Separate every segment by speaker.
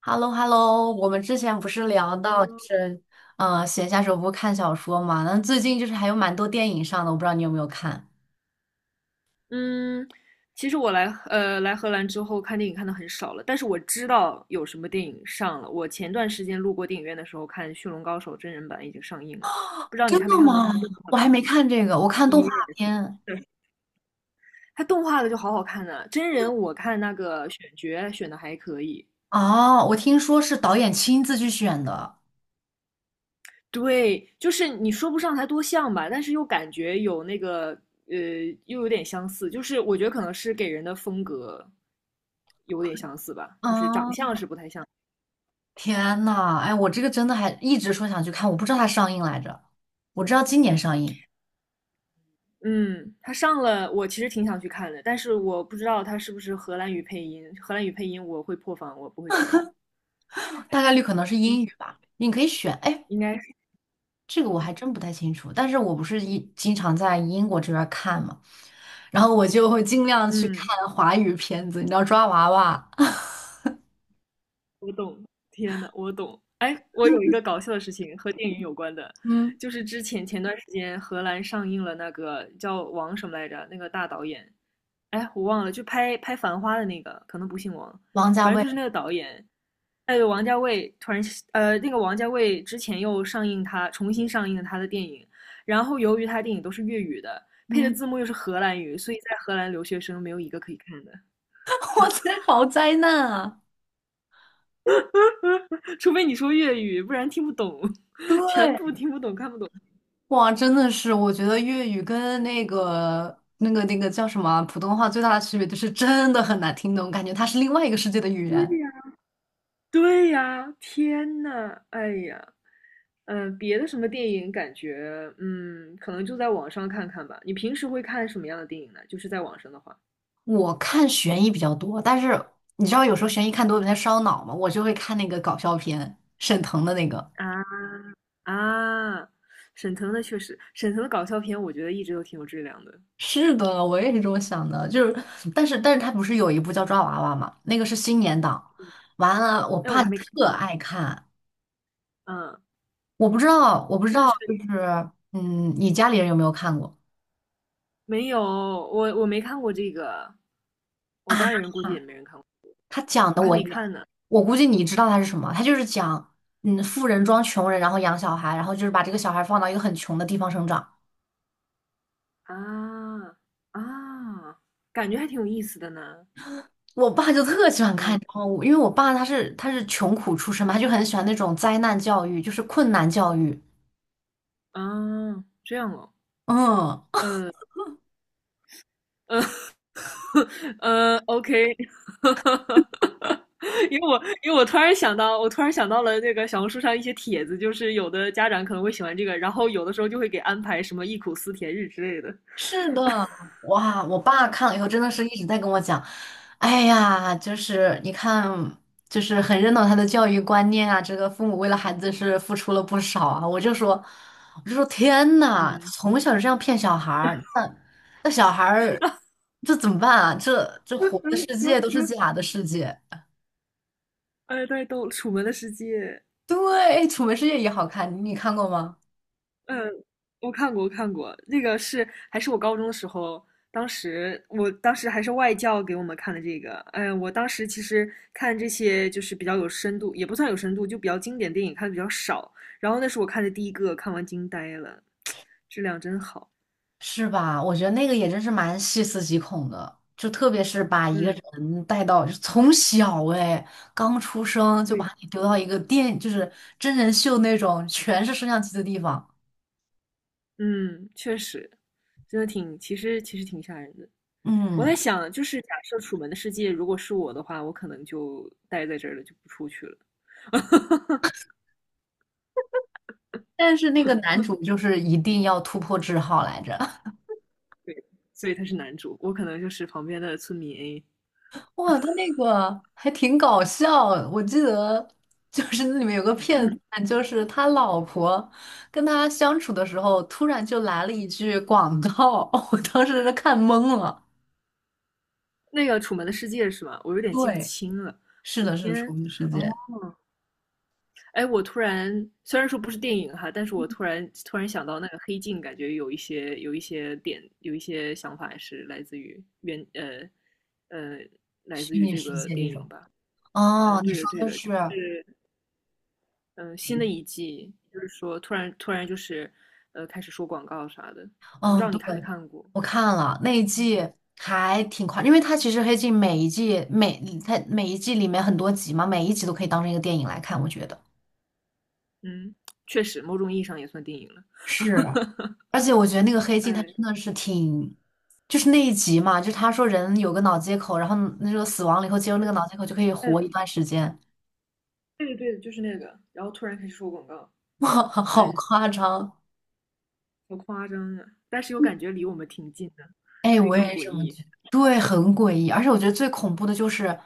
Speaker 1: h e l l o h e l l o 我们之前不是聊到就是，闲暇时候不是看小说嘛？那最近就是还有蛮多电影上的，我不知道你有没有看？
Speaker 2: 嗯，其实我来荷兰之后看电影看的很少了，但是我知道有什么电影上了。我前段时间路过电影院的时候看《驯龙高手》真人版已经上映了，不知道你
Speaker 1: 真
Speaker 2: 看没
Speaker 1: 的
Speaker 2: 看过它
Speaker 1: 吗？
Speaker 2: 动画
Speaker 1: 我还
Speaker 2: 版的？
Speaker 1: 没看这个，我看动画
Speaker 2: 也
Speaker 1: 片。
Speaker 2: 是，它动画的就好好看呢、真人我看那个选角选的还可以，
Speaker 1: 哦，我听说是导演亲自去选的。
Speaker 2: 对，就是你说不上它多像吧，但是又感觉有那个呃又有点相似，就是我觉得可能是给人的风格有点相似吧，就是长
Speaker 1: 啊，
Speaker 2: 相是不太像。
Speaker 1: 天呐，哎，我这个真的还一直说想去看，我不知道它上映来着，我知道今年上映，
Speaker 2: 嗯，他上了，我其实挺想去看的，但是我不知道他是不是荷兰语配音。荷兰语配音我会破防，我不会看的。
Speaker 1: 大概率可能是
Speaker 2: 听，
Speaker 1: 英语吧。你可以选，哎，
Speaker 2: 应该是，
Speaker 1: 这个我还
Speaker 2: 嗯
Speaker 1: 真不太清楚，但是我不是一经常在英国这边儿看嘛，然后我就会尽量去
Speaker 2: 嗯，
Speaker 1: 看华语片子，你知道抓娃娃，
Speaker 2: 我懂。天呐，我懂。哎，我有一个搞笑的事情和电影有关的，
Speaker 1: 嗯
Speaker 2: 就是之前前段时间荷兰上映了那个叫王什么来着，那个大导演，哎，我忘了，就拍《繁花》的那个，可能不姓王，
Speaker 1: 王家
Speaker 2: 反正
Speaker 1: 卫，
Speaker 2: 就是那个导演，哎，有王家卫突然那个王家卫之前又上映他重新上映了他的电影，然后由于他的电影都是粤语的，配的
Speaker 1: 嗯，
Speaker 2: 字幕又是荷兰语，所以在荷兰留学生没有一个可以看的，
Speaker 1: 哇塞，好灾难啊！
Speaker 2: 除非你说粤语，不然听不懂，全部
Speaker 1: 对，
Speaker 2: 听不懂，看不懂。
Speaker 1: 哇，真的是，我觉得粤语跟那个叫什么啊普通话最大的区别就是真的很难听懂，感觉它是另外一个世界的语
Speaker 2: 对
Speaker 1: 言。
Speaker 2: 呀，对呀，天呐，哎呀，别的什么电影感觉，可能就在网上看看吧。你平时会看什么样的电影呢？就是在网上的话
Speaker 1: 我看悬疑比较多，但是你知道有时候悬疑看多了有点烧脑嘛，我就会看那个搞笑片，沈腾的那个。
Speaker 2: 啊。啊，沈腾的确实，沈腾的搞笑片我觉得一直都挺有质量的。
Speaker 1: 是的，我也是这么想的，就是，但是他不是有一部叫《抓娃娃》嘛，那个是新年档，完了，我
Speaker 2: 哎，我
Speaker 1: 爸
Speaker 2: 还没看
Speaker 1: 特
Speaker 2: 呢。
Speaker 1: 爱看，
Speaker 2: 嗯，
Speaker 1: 我不知道，我不知
Speaker 2: 那
Speaker 1: 道，
Speaker 2: 是
Speaker 1: 就是，嗯，你家里人有没有看过
Speaker 2: 没有，我没看过这个，我
Speaker 1: 啊？
Speaker 2: 家里人估计也没人看过。
Speaker 1: 他
Speaker 2: 嗯，
Speaker 1: 讲的
Speaker 2: 我还
Speaker 1: 我
Speaker 2: 没
Speaker 1: 也，
Speaker 2: 看呢。
Speaker 1: 我估计你知道他是什么，他就是讲，嗯，富人装穷人，然后养小孩，然后就是把这个小孩放到一个很穷的地方生长。
Speaker 2: 啊啊，感觉还挺有意思的呢。
Speaker 1: 我爸就特喜欢看，
Speaker 2: 嗯
Speaker 1: 然后因为我爸他是穷苦出身嘛，他就很喜欢那种灾难教育，就是困难教育，
Speaker 2: 啊，这样哦。
Speaker 1: 嗯。
Speaker 2: 嗯嗯嗯 o k 因为我突然想到，我突然想到了那个小红书上一些帖子，就是有的家长可能会喜欢这个，然后有的时候就会给安排什么忆苦思甜日之类的。
Speaker 1: 是的，哇！我爸看了以后，真的是一直在跟我讲，哎呀，就是你看，就是很认同他的教育观念啊，这个父母为了孩子是付出了不少啊。我就说天呐，
Speaker 2: 嗯，
Speaker 1: 从小就这样骗小孩儿，那小孩儿这怎么办啊？这活的世界都是 假的世界。
Speaker 2: 哎，太逗了，《楚门的世界》。
Speaker 1: 对，哎《楚门世界》也好看，你看过吗？
Speaker 2: 嗯，我看过，我看过，那个是还是我高中的时候，当时还是外教给我们看的这个。哎，我当时其实看这些就是比较有深度，也不算有深度，就比较经典电影看的比较少。然后那是我看的第一个，看完惊呆了，质量真好。
Speaker 1: 是吧？我觉得那个也真是蛮细思极恐的，就特别是把一个
Speaker 2: 嗯，
Speaker 1: 人带到，就从小哎，刚出生就
Speaker 2: 对，
Speaker 1: 把你丢到一个电，就是真人秀那种全是摄像机的地方。
Speaker 2: 嗯，确实，真的挺，其实挺吓人的。我
Speaker 1: 嗯，
Speaker 2: 在想，就是假设《楚门的世界》如果是我的话，我可能就待在这儿了，就不出去了。
Speaker 1: 但是那个
Speaker 2: 嗯，
Speaker 1: 男主就是一定要突破桎梏来着。
Speaker 2: 所以他是男主，我可能就是旁边的村民 A。
Speaker 1: 哇，他那个还挺搞笑，我记得就是那里面有个片段，就是他老婆跟他相处的时候，突然就来了一句广告，我当时是看懵了。
Speaker 2: 那个《楚门的世界》是吗？我有点记不
Speaker 1: 对。
Speaker 2: 清了。
Speaker 1: 是的，是
Speaker 2: 天，
Speaker 1: 重置世
Speaker 2: 哦，
Speaker 1: 界。
Speaker 2: 哎，我突然虽然说不是电影哈，但是我突然想到那个《黑镜》，感觉有一些点，有一些想法是呃来自
Speaker 1: 虚
Speaker 2: 于
Speaker 1: 拟
Speaker 2: 这
Speaker 1: 世
Speaker 2: 个
Speaker 1: 界
Speaker 2: 电
Speaker 1: 这
Speaker 2: 影
Speaker 1: 种。
Speaker 2: 吧。嗯，
Speaker 1: 哦，你
Speaker 2: 对的，
Speaker 1: 说
Speaker 2: 对
Speaker 1: 的
Speaker 2: 的，就
Speaker 1: 是，
Speaker 2: 是新的一季，就是说突然就是开始说广告啥的，不知
Speaker 1: 嗯，
Speaker 2: 道你
Speaker 1: 对，
Speaker 2: 看没看过？
Speaker 1: 我看了那一
Speaker 2: 嗯
Speaker 1: 季还挺快，因为它其实《黑镜》每一季每它每一季里面很多集嘛，每一集都可以当成一个电影来看，我觉得。
Speaker 2: 嗯，确实，某种意义上也算电影了。
Speaker 1: 是，而且我觉得那个《黑镜》它真
Speaker 2: 哎，
Speaker 1: 的是挺，就是那一集嘛，就是他说人有个脑接口，然后那个死亡了以后接入那个
Speaker 2: 对
Speaker 1: 脑接口就可以
Speaker 2: 嗯，
Speaker 1: 活一段时间，
Speaker 2: 对的对的，就是那个，然后突然开始说广告，
Speaker 1: 哇，好
Speaker 2: 哎，
Speaker 1: 夸张！
Speaker 2: 好夸张啊！但是又感觉离我们挺近的，
Speaker 1: 哎，
Speaker 2: 所以
Speaker 1: 我
Speaker 2: 更
Speaker 1: 也是
Speaker 2: 诡
Speaker 1: 这么
Speaker 2: 异。
Speaker 1: 觉得，对，很诡异，而且我觉得最恐怖的就是，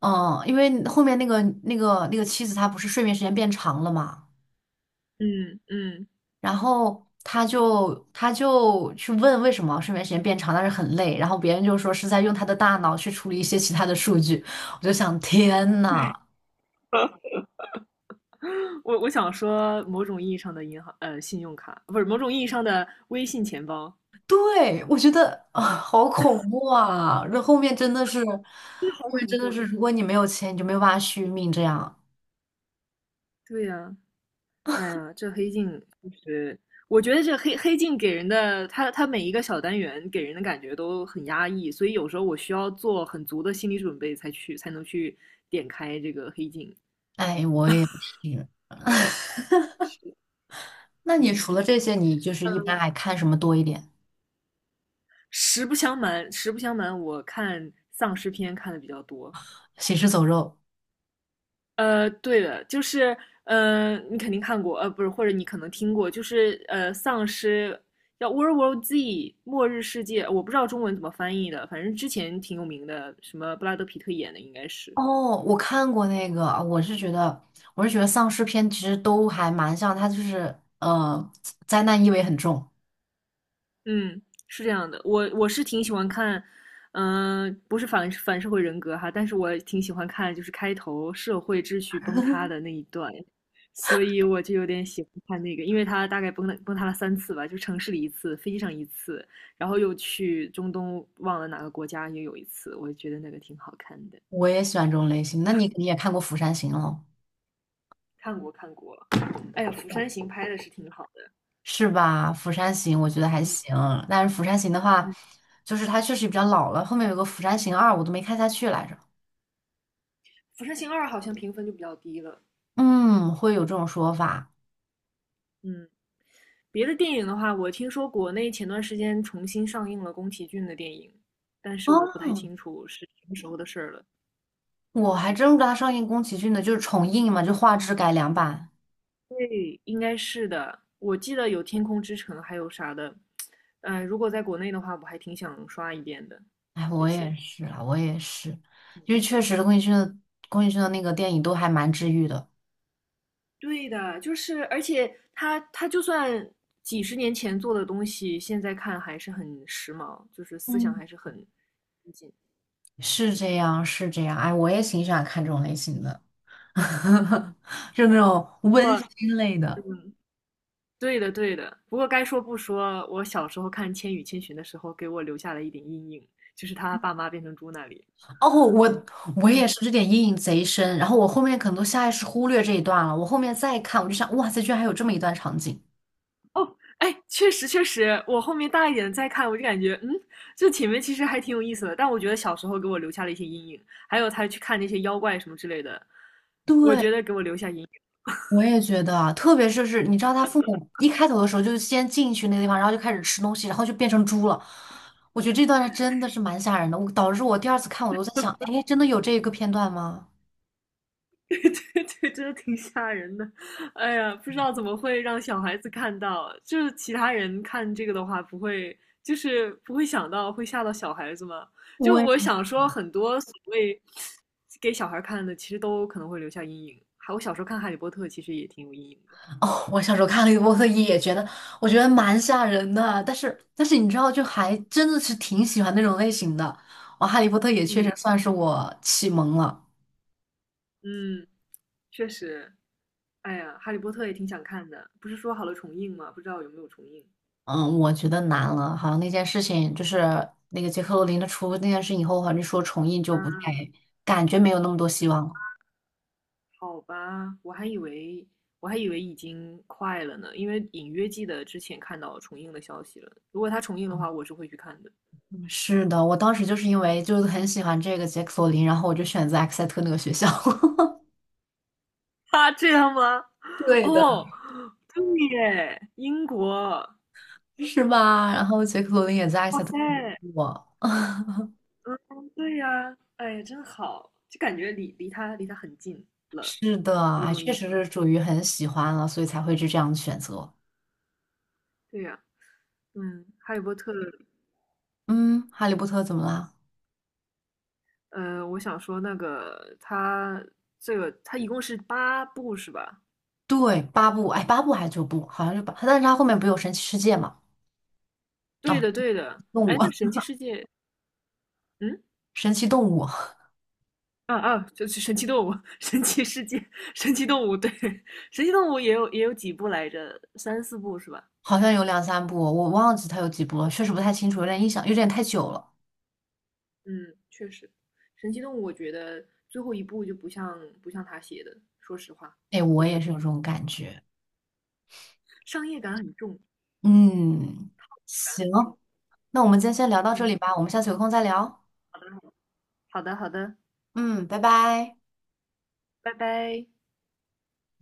Speaker 1: 嗯，因为后面那个妻子她不是睡眠时间变长了嘛，
Speaker 2: 嗯嗯，
Speaker 1: 然后她就去问为什么睡眠时间变长，但是很累，然后别人就说是在用她的大脑去处理一些其他的数据，我就想天呐，
Speaker 2: 我想说，某种意义上的银行信用卡，不是某种意义上的微信钱包，
Speaker 1: 对，我觉得啊，好恐怖啊，这后面真的是，
Speaker 2: 这好
Speaker 1: 后面
Speaker 2: 恐
Speaker 1: 真
Speaker 2: 怖
Speaker 1: 的
Speaker 2: 啊！
Speaker 1: 是，如果你没有钱，你就没有办法续命，这样，
Speaker 2: 对呀、哎呀，这黑镜就是我觉得这黑镜给人的，它每一个小单元给人的感觉都很压抑，所以有时候我需要做很足的心理准备才能去点开这个黑镜。
Speaker 1: 哎，我也是。那你
Speaker 2: 嗯，
Speaker 1: 除了这些，你就是一
Speaker 2: 嗯
Speaker 1: 般还看什么多一点？
Speaker 2: 实不相瞒，实不相瞒，我看丧尸片看的比较多，
Speaker 1: 行尸走肉。
Speaker 2: 对的，就是，你肯定看过，不是，或者你可能听过，就是丧尸叫《World War Z》末日世界，我不知道中文怎么翻译的，反正之前挺有名的，什么布拉德皮特演的应该是，
Speaker 1: 哦，我看过那个，我是觉得丧尸片其实都还蛮像，它就是灾难意味很重。
Speaker 2: 嗯，是这样的，我是挺喜欢看，不是反社会人格哈，但是我挺喜欢看，就是开头社会秩序崩塌的那一段，所以我就有点喜欢看那个，因为他大概崩塌了3次吧，就城市里一次，飞机上一次，然后又去中东忘了哪个国家也有一次，我觉得那个挺好看的，
Speaker 1: 我也喜欢这种类型。那你也看过《釜山行》喽，
Speaker 2: 看过看过，哎呀，《釜山行》拍的是挺好的，
Speaker 1: 是吧？《釜山行》我觉得还
Speaker 2: 嗯
Speaker 1: 行，但是《釜山行》的话，
Speaker 2: 嗯，
Speaker 1: 就是它确实比较老了。后面有个《釜山行二》，我都没看下去来着。
Speaker 2: 《釜山行二》好像评分就比较低了，
Speaker 1: 嗯，会有这种说法。
Speaker 2: 嗯。别的电影的话，我听说国内前段时间重新上映了宫崎骏的电影，但是
Speaker 1: 啊，
Speaker 2: 我不太清楚是什么时候的事儿了。
Speaker 1: 我还真不知道它上映宫崎骏的，就是重映嘛，就画质改良版。
Speaker 2: 对，应该是的。我记得有《天空之城》，还有啥的。如果在国内的话，我还挺想刷一遍的。
Speaker 1: 哎，
Speaker 2: 这
Speaker 1: 我也
Speaker 2: 些，
Speaker 1: 是啊，我也是，
Speaker 2: 嗯
Speaker 1: 因为确实宫崎骏的那个电影都还蛮治愈的，
Speaker 2: 对的，就是而且他就算几十年前做的东西，现在看还是很时髦，就是思想
Speaker 1: 嗯，
Speaker 2: 还是很先进。
Speaker 1: 是这样。哎，我也挺喜欢看这种类型
Speaker 2: 嗯，
Speaker 1: 的，
Speaker 2: 嗯
Speaker 1: 就那种
Speaker 2: 不
Speaker 1: 温
Speaker 2: 过
Speaker 1: 馨类的。
Speaker 2: 嗯，对的，对的。不过该说不说，我小时候看《千与千寻》的时候，给我留下了一点阴影，就是他爸妈变成猪那里。
Speaker 1: 哦，我我也是，这点阴影贼深。然后我后面可能都下意识忽略这一段了，我后面再看，我就想，哇塞，居然还有这么一段场景。
Speaker 2: 哎，确实确实，我后面大一点再看，我就感觉，这前面其实还挺有意思的。但我觉得小时候给我留下了一些阴影，还有他去看那些妖怪什么之类的，我觉
Speaker 1: 对，
Speaker 2: 得给我留下阴
Speaker 1: 我也觉得啊，特别是，你知道他父母一开头的时候就先进去那个地方，然后就开始吃东西，然后就变成猪了。我觉得这段还真的是蛮吓人的，我导致我第二次看我都在想，哎，真的有这个片段吗？
Speaker 2: 对对对，真的挺吓人的。哎呀，不知道怎么会让小孩子看到，就是其他人看这个的话，不会想到会吓到小孩子吗？就
Speaker 1: 我也
Speaker 2: 我想说，很多所谓给小孩看的，其实都可能会留下阴影。还我小时候看《哈利波特》，其实也挺有阴影的。
Speaker 1: 哦，我小时候看《哈利波特》也觉得，我觉得蛮吓人的，但是你知道，就还真的是挺喜欢那种类型的。我《哈利波特》也确实
Speaker 2: 嗯
Speaker 1: 算是我启蒙了。
Speaker 2: 嗯，确实。哎呀，《哈利波特》也挺想看的，不是说好了重映吗？不知道有没有重映。
Speaker 1: 嗯，我觉得难了，好像那件事情就是那个杰克罗林的出那件事以后，好像说重映就不太，感觉没有那么多希望了。
Speaker 2: 好吧，我还以为已经快了呢，因为隐约记得之前看到重映的消息了。如果他重映的话，我是会去看的。
Speaker 1: 嗯是的，我当时就是因为很喜欢这个杰克罗林，然后我就选择埃克塞特那个学校，
Speaker 2: 他这样吗？
Speaker 1: 对的，
Speaker 2: 哦，对耶，英国，
Speaker 1: 是吧？然后杰克罗林也在埃克
Speaker 2: 哇
Speaker 1: 塞特读
Speaker 2: 塞，
Speaker 1: 书我
Speaker 2: 对呀，哎呀，真好，就感觉离他很近了，
Speaker 1: 是的，
Speaker 2: 某
Speaker 1: 哎
Speaker 2: 种意
Speaker 1: 确
Speaker 2: 义
Speaker 1: 实
Speaker 2: 上。
Speaker 1: 是属于很喜欢了，所以才会是这样的选择。
Speaker 2: 对呀，嗯，《哈利波特》，
Speaker 1: 嗯，哈利波特怎么啦？
Speaker 2: 我想说那个他这个他一共是八部是吧？
Speaker 1: 对，八部，哎，八部还是九部？好像是八，但是他后面不有神奇世界嘛？
Speaker 2: 对
Speaker 1: 啊，
Speaker 2: 的，对的。
Speaker 1: 动
Speaker 2: 哎，
Speaker 1: 物。
Speaker 2: 那 《神奇世界》，嗯。
Speaker 1: 神奇动物》
Speaker 2: 啊啊，就是神奇动物、神奇世界、神奇动物，对，神奇动物也有几部来着，三四部是吧？
Speaker 1: 好像有两三部，我忘记它有几部了，确实不太清楚，有点印象，有点太久了。
Speaker 2: 嗯，确实，神奇动物我觉得最后一部就不像他写的，说实话，
Speaker 1: 哎，我
Speaker 2: 真
Speaker 1: 也
Speaker 2: 的
Speaker 1: 是有这种感觉。
Speaker 2: 商业感很重
Speaker 1: 嗯，
Speaker 2: 很
Speaker 1: 行，
Speaker 2: 重。
Speaker 1: 那我们今天先聊到这
Speaker 2: 嗯，
Speaker 1: 里吧，我们下次有空再聊。
Speaker 2: 好的好的好的好的，
Speaker 1: 嗯，拜拜。
Speaker 2: 拜拜。